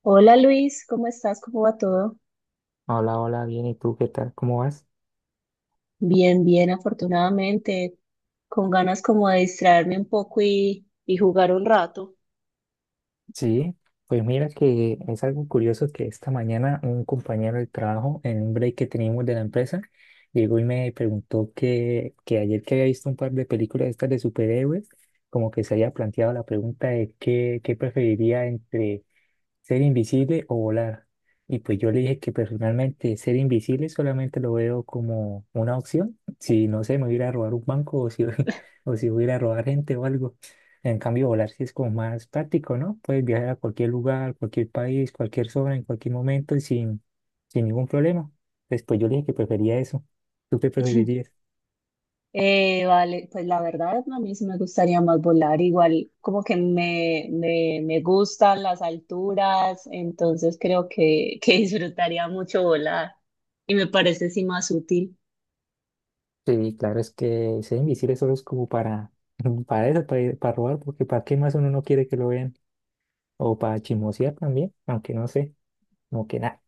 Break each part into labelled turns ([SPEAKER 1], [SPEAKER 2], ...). [SPEAKER 1] Hola Luis, ¿cómo estás? ¿Cómo va todo?
[SPEAKER 2] Hola, hola, bien, ¿y tú qué tal? ¿Cómo vas?
[SPEAKER 1] Bien, bien, afortunadamente, con ganas como de distraerme un poco y jugar un rato.
[SPEAKER 2] Sí, pues mira que es algo curioso que esta mañana un compañero de trabajo, en un break que teníamos de la empresa, llegó y me preguntó que ayer que había visto un par de películas estas de superhéroes, como que se había planteado la pregunta de qué preferiría entre ser invisible o volar. Y pues yo le dije que personalmente ser invisible solamente lo veo como una opción. Si no sé, me voy a ir a robar un banco o si, o si voy a ir a robar gente o algo. En cambio, volar sí es como más práctico, ¿no? Puedes viajar a cualquier lugar, cualquier país, cualquier zona, en cualquier momento y sin ningún problema. Después yo le dije que prefería eso. ¿Tú qué preferirías?
[SPEAKER 1] Vale, pues la verdad a mí sí me gustaría más volar, igual como que me gustan las alturas, entonces creo que disfrutaría mucho volar y me parece sí más útil.
[SPEAKER 2] Sí, claro, es que ser invisible solo es como para, para eso, para robar, porque ¿para qué más uno no quiere que lo vean? O para chismosear también, aunque no sé, como que nada,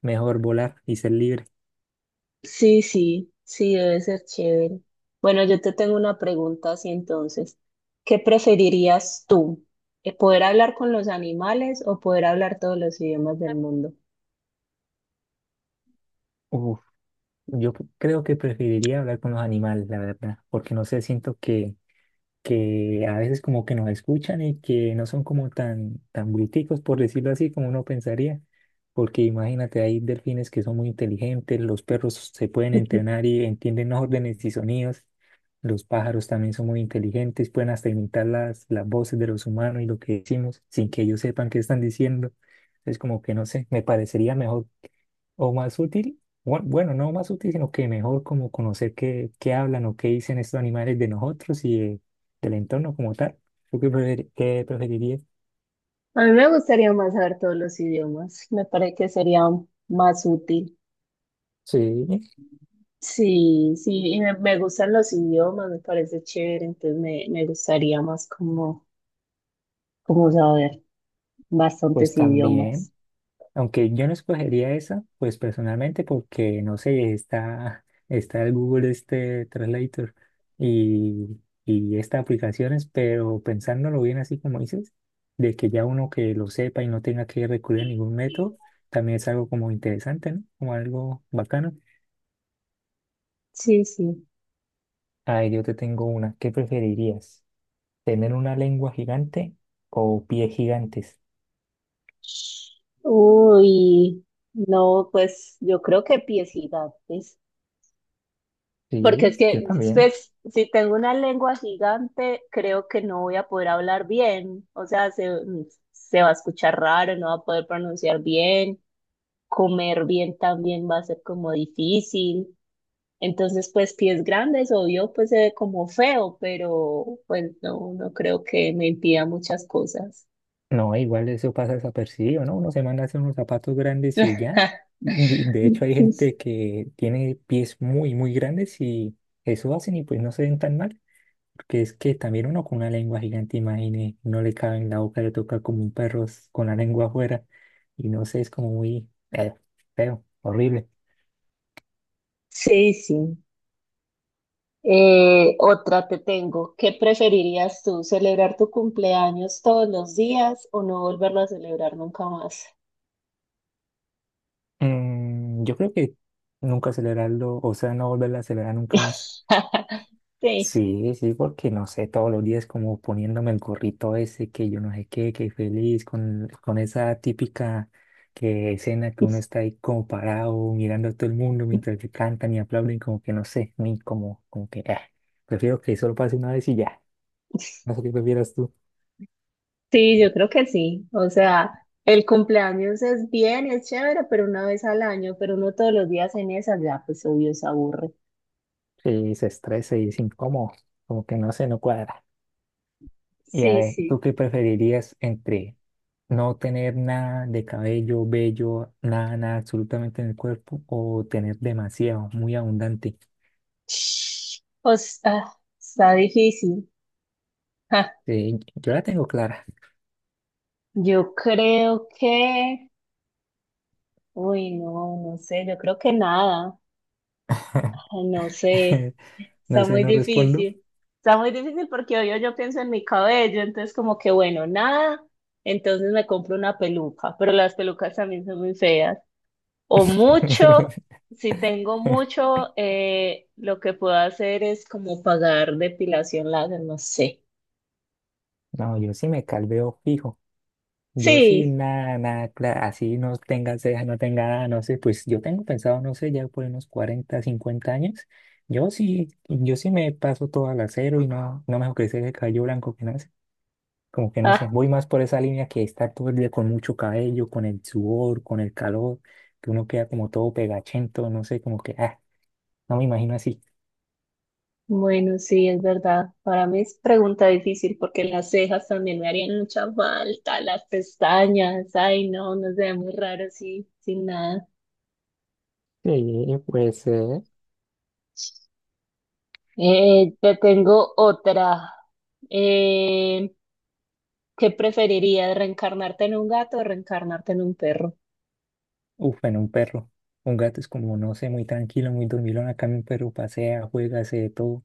[SPEAKER 2] mejor volar y ser libre.
[SPEAKER 1] Sí, sí, sí, debe ser chévere. Bueno, yo te tengo una pregunta así entonces. ¿Qué preferirías tú? ¿Poder hablar con los animales o poder hablar todos los idiomas del mundo?
[SPEAKER 2] Uf, yo creo que preferiría hablar con los animales, la verdad, porque no sé, siento que a veces como que nos escuchan y que no son como tan bruticos, por decirlo así, como uno pensaría, porque imagínate, hay delfines que son muy inteligentes, los perros se pueden entrenar y entienden órdenes y sonidos, los pájaros también son muy inteligentes, pueden hasta imitar las voces de los humanos y lo que decimos sin que ellos sepan qué están diciendo. Es como que no sé, me parecería mejor o más útil, bueno, no más útil, sino que mejor como conocer qué hablan o qué dicen estos animales de nosotros y del entorno como tal. ¿Tú qué, qué preferirías?
[SPEAKER 1] A mí me gustaría más saber todos los idiomas. Me parece que sería más útil.
[SPEAKER 2] Sí,
[SPEAKER 1] Sí, sí, y me gustan los idiomas, me parece chévere, entonces me gustaría más como, como saber
[SPEAKER 2] pues
[SPEAKER 1] bastantes
[SPEAKER 2] también.
[SPEAKER 1] idiomas.
[SPEAKER 2] Aunque yo no escogería esa, pues personalmente porque, no sé, está el Google este Translator y, y estas aplicaciones, pero pensándolo bien así como dices, de que ya uno que lo sepa y no tenga que recurrir a ningún método, también es algo como interesante, ¿no? Como algo bacano.
[SPEAKER 1] Sí, sí.
[SPEAKER 2] Ay, yo te tengo una. ¿Qué preferirías? ¿Tener una lengua gigante o pies gigantes?
[SPEAKER 1] Uy, no, pues yo creo que pies gigantes, porque es
[SPEAKER 2] Sí, yo
[SPEAKER 1] que,
[SPEAKER 2] también.
[SPEAKER 1] pues, si tengo una lengua gigante, creo que no voy a poder hablar bien, o sea, se va a escuchar raro, no va a poder pronunciar bien, comer bien también va a ser como difícil, entonces, pues, pies grandes, obvio, pues se ve como feo, pero pues no, no creo que me impida muchas cosas.
[SPEAKER 2] No, igual eso pasa desapercibido, ¿no? Uno se manda a hacer unos zapatos grandes y ya. De hecho, hay gente que tiene pies muy grandes y eso hacen y pues no se ven tan mal. Porque es que también uno con una lengua gigante, imagine, no le cabe en la boca, le toca como un perro con la lengua afuera. Y no sé, es como muy feo, horrible.
[SPEAKER 1] Sí, sí. Otra te tengo. ¿Qué preferirías tú, celebrar tu cumpleaños todos los días o no volverlo a celebrar nunca más?
[SPEAKER 2] Mm, yo creo que nunca acelerarlo, o sea, no volverlo a acelerar nunca más.
[SPEAKER 1] Sí.
[SPEAKER 2] Sí, sí, porque no sé, todos los días como poniéndome el gorrito ese, que yo no sé qué, que feliz, con esa típica escena que uno está ahí como parado, mirando a todo el mundo mientras que cantan y aplauden, como que no sé, muy como, como que, ah, prefiero que solo pase una vez y ya. No sé qué prefieras tú,
[SPEAKER 1] Sí, yo creo que sí. O sea, el cumpleaños es bien, es chévere, pero una vez al año, pero no todos los días en esa, ya pues obvio se aburre.
[SPEAKER 2] que se estresa y es incómodo, como que no sé, no cuadra. Y a
[SPEAKER 1] Sí,
[SPEAKER 2] ver, ¿tú
[SPEAKER 1] sí.
[SPEAKER 2] qué preferirías entre no tener nada de cabello, vello, nada absolutamente en el cuerpo o tener demasiado, muy abundante?
[SPEAKER 1] O sea, está difícil. Ja,
[SPEAKER 2] Sí, yo la tengo clara.
[SPEAKER 1] yo creo que, uy, no, no sé, yo creo que nada, no sé.
[SPEAKER 2] No
[SPEAKER 1] Está
[SPEAKER 2] sé,
[SPEAKER 1] muy
[SPEAKER 2] no respondo.
[SPEAKER 1] difícil. Está muy difícil porque obvio yo pienso en mi cabello, entonces como que bueno, nada, entonces me compro una peluca, pero las pelucas también son muy feas. O mucho, si tengo mucho, lo que puedo hacer es como pagar depilación láser, no sé.
[SPEAKER 2] No, yo sí me calveo fijo. Yo sí,
[SPEAKER 1] Sí,
[SPEAKER 2] nada, clara. Así no tenga ceja, no tenga nada, no sé. Pues yo tengo pensado, no sé, ya por unos 40 o 50 años. Yo sí, yo sí me paso todo al acero y no, no me hago crecer el cabello blanco que nada. Como que no sé,
[SPEAKER 1] ah,
[SPEAKER 2] voy más por esa línea que está todo el día con mucho cabello, con el sudor, con el calor, que uno queda como todo pegachento, no sé, como que, ah, no me imagino así.
[SPEAKER 1] bueno, sí, es verdad. Para mí es pregunta difícil porque las cejas también me harían mucha falta, las pestañas, ay no, no se ve muy raro así, sin nada.
[SPEAKER 2] Sí, pues
[SPEAKER 1] Te tengo otra. Eh, ¿Qué preferirías, reencarnarte en un gato o reencarnarte en un perro?
[SPEAKER 2] uf, en un perro. Un gato es como, no sé, muy tranquilo, muy dormilón. Acá mi perro pasea, juega, hace de todo.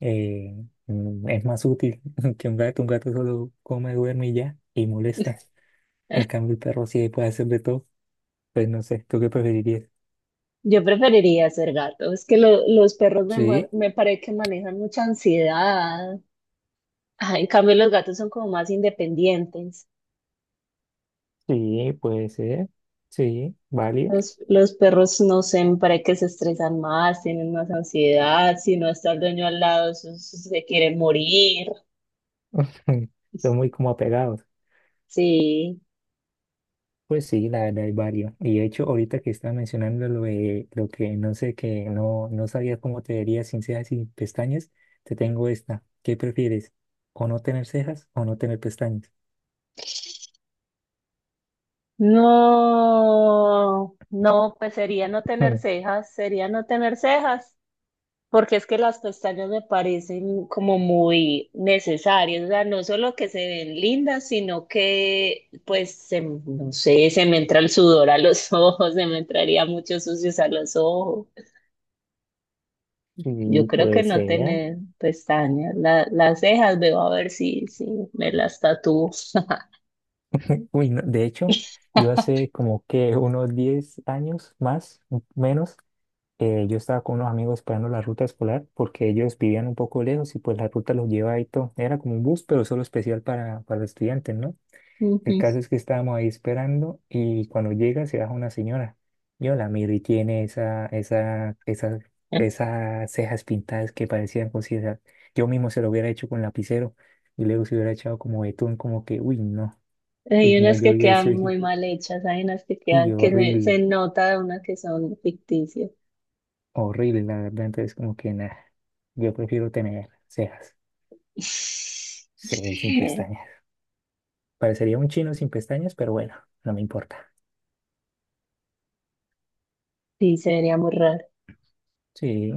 [SPEAKER 2] eh, mm, es más útil que un gato. Un gato solo come, duerme y ya, y molesta. El cambio, el perro sí puede hacer de todo. Pues no sé, ¿tú qué preferirías?
[SPEAKER 1] Yo preferiría ser gato. Es que los perros me,
[SPEAKER 2] Sí,
[SPEAKER 1] me parece que manejan mucha ansiedad. Ah, en cambio, los gatos son como más independientes.
[SPEAKER 2] sí, puede ser. Sí, válido.
[SPEAKER 1] Los perros, no sé, me parece que se estresan más, tienen más ansiedad. Si no está el dueño al lado, eso se quiere morir.
[SPEAKER 2] Son muy como apegados.
[SPEAKER 1] Sí.
[SPEAKER 2] Pues sí, la verdad hay varios. Y de hecho, ahorita que estaba mencionando lo de lo que no sé, que no sabía cómo te verías sin cejas y pestañas, te tengo esta. ¿Qué prefieres? ¿O no tener cejas o no tener pestañas?
[SPEAKER 1] No, no, pues sería no tener
[SPEAKER 2] Mm,
[SPEAKER 1] cejas, sería no tener cejas, porque es que las pestañas me parecen como muy necesarias, o sea, no solo que se ven lindas, sino que, pues, no sé, se me entra el sudor a los ojos, se me entraría mucho sucios a los ojos. Yo
[SPEAKER 2] sí,
[SPEAKER 1] creo que
[SPEAKER 2] pues
[SPEAKER 1] no
[SPEAKER 2] sea.
[SPEAKER 1] tener pestañas, las cejas, veo a ver si me las tatúo.
[SPEAKER 2] Uy, no, de hecho, yo hace como que unos 10 años más, menos, yo estaba con unos amigos esperando la ruta escolar porque ellos vivían un poco lejos y pues la ruta los lleva ahí todo. Era como un bus, pero solo especial para estudiantes, ¿no? El
[SPEAKER 1] Ujú.
[SPEAKER 2] caso es que estábamos ahí esperando y cuando llega se baja una señora. Yo la miro y tiene esas cejas pintadas que parecían cositas. Yo mismo se lo hubiera hecho con lapicero y luego se hubiera echado como betún, como que, uy,
[SPEAKER 1] Hay
[SPEAKER 2] no,
[SPEAKER 1] unas
[SPEAKER 2] yo
[SPEAKER 1] que
[SPEAKER 2] vi eso
[SPEAKER 1] quedan
[SPEAKER 2] y dije,
[SPEAKER 1] muy mal hechas, hay unas que
[SPEAKER 2] uy,
[SPEAKER 1] quedan,
[SPEAKER 2] horrible,
[SPEAKER 1] se nota de una que son ficticias.
[SPEAKER 2] horrible, la verdad. Entonces, como que nada, yo prefiero tener cejas. Sí, sin pestañas. Parecería un chino sin pestañas, pero bueno, no me importa.
[SPEAKER 1] Sí, sería muy raro.
[SPEAKER 2] Sí,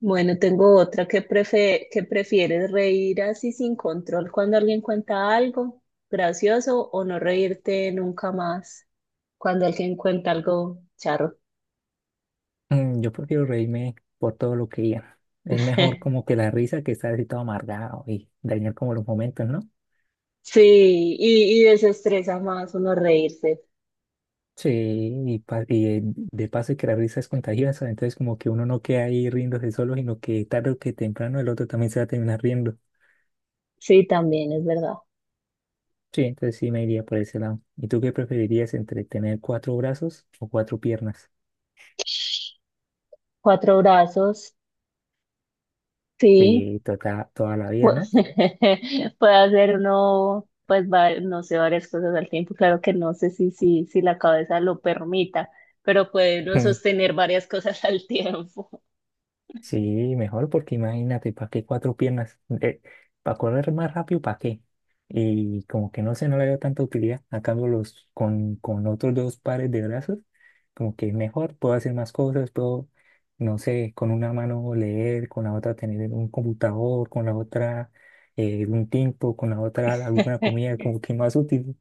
[SPEAKER 1] Bueno, tengo otra que que prefieres reír así sin control cuando alguien cuenta algo gracioso o no reírte nunca más cuando alguien cuenta algo charro.
[SPEAKER 2] mm, yo prefiero reírme por todo lo que digan. Es mejor como que la risa que estar así todo amargado y dañar como los momentos, ¿no?
[SPEAKER 1] Sí, y desestresa más uno reírse.
[SPEAKER 2] Sí, de paso que la risa es contagiosa, entonces como que uno no queda ahí riéndose solo, sino que tarde o que temprano el otro también se va a terminar riendo.
[SPEAKER 1] Sí, también es verdad.
[SPEAKER 2] Sí, entonces sí me iría por ese lado. ¿Y tú qué preferirías entre tener 4 brazos o 4 piernas?
[SPEAKER 1] Cuatro brazos, sí.
[SPEAKER 2] Sí, toda, toda la vida,
[SPEAKER 1] Pues,
[SPEAKER 2] ¿no?
[SPEAKER 1] puede hacer uno, pues, no sé, varias cosas al tiempo. Claro que no sé si la cabeza lo permita, pero puede uno sostener varias cosas al tiempo.
[SPEAKER 2] Sí, mejor porque imagínate, ¿para qué 4 piernas? ¿Para correr más rápido, para qué? Y como que no sé, no le veo tanta utilidad. A cambio, con otros 2 pares de brazos, como que mejor, puedo hacer más cosas, puedo, no sé, con una mano leer, con la otra tener un computador, con la otra un tiempo, con la otra alguna comida, como que más útil.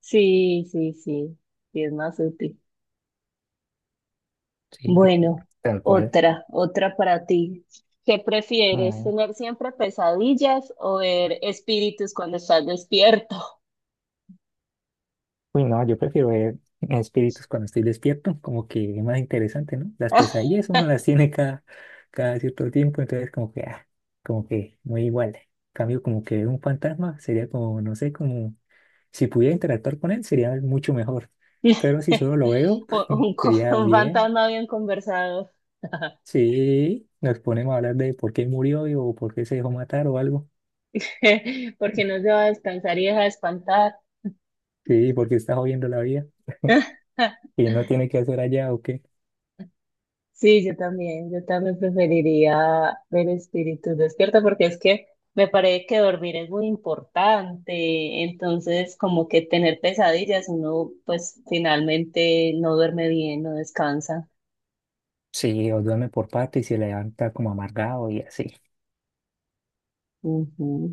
[SPEAKER 1] Sí, sí, sí, sí, es más útil.
[SPEAKER 2] Sí,
[SPEAKER 1] Bueno,
[SPEAKER 2] tal cual.
[SPEAKER 1] otra, otra para ti. ¿Qué prefieres, tener siempre pesadillas o ver espíritus cuando estás despierto?
[SPEAKER 2] Uy, no, yo prefiero ver espíritus cuando estoy despierto, como que es más interesante, ¿no? Las pesadillas uno las tiene cada cierto tiempo, entonces como que, ah, como que muy igual. En cambio, como que ver un fantasma sería como, no sé, como si pudiera interactuar con él sería mucho mejor. Pero si solo lo veo, sería
[SPEAKER 1] Un
[SPEAKER 2] bien.
[SPEAKER 1] fantasma bien conversado.
[SPEAKER 2] Sí, nos ponemos a hablar de por qué murió o por qué se dejó matar o algo.
[SPEAKER 1] Porque no se va a descansar y deja de espantar.
[SPEAKER 2] Sí, porque está jodiendo la vida y no tiene que hacer allá o qué.
[SPEAKER 1] Sí, yo también preferiría ver espíritus despierta porque es que me parece que dormir es muy importante, entonces como que tener pesadillas, uno pues finalmente no duerme bien, no descansa.
[SPEAKER 2] Sí, o duerme por parte y se levanta como amargado y así.
[SPEAKER 1] Ujú,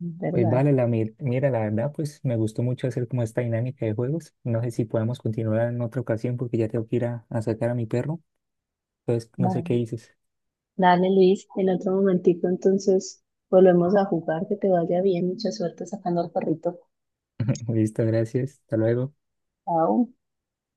[SPEAKER 1] ¿es
[SPEAKER 2] Pues
[SPEAKER 1] verdad?
[SPEAKER 2] vale, mira, la verdad, pues me gustó mucho hacer como esta dinámica de juegos. No sé si podemos continuar en otra ocasión porque ya tengo que ir a sacar a mi perro. Entonces, no
[SPEAKER 1] Va.
[SPEAKER 2] sé qué dices.
[SPEAKER 1] Dale Luis, en otro momentico entonces volvemos a jugar, que te vaya bien, mucha suerte sacando al perrito.
[SPEAKER 2] Listo, gracias. Hasta luego.
[SPEAKER 1] Chao.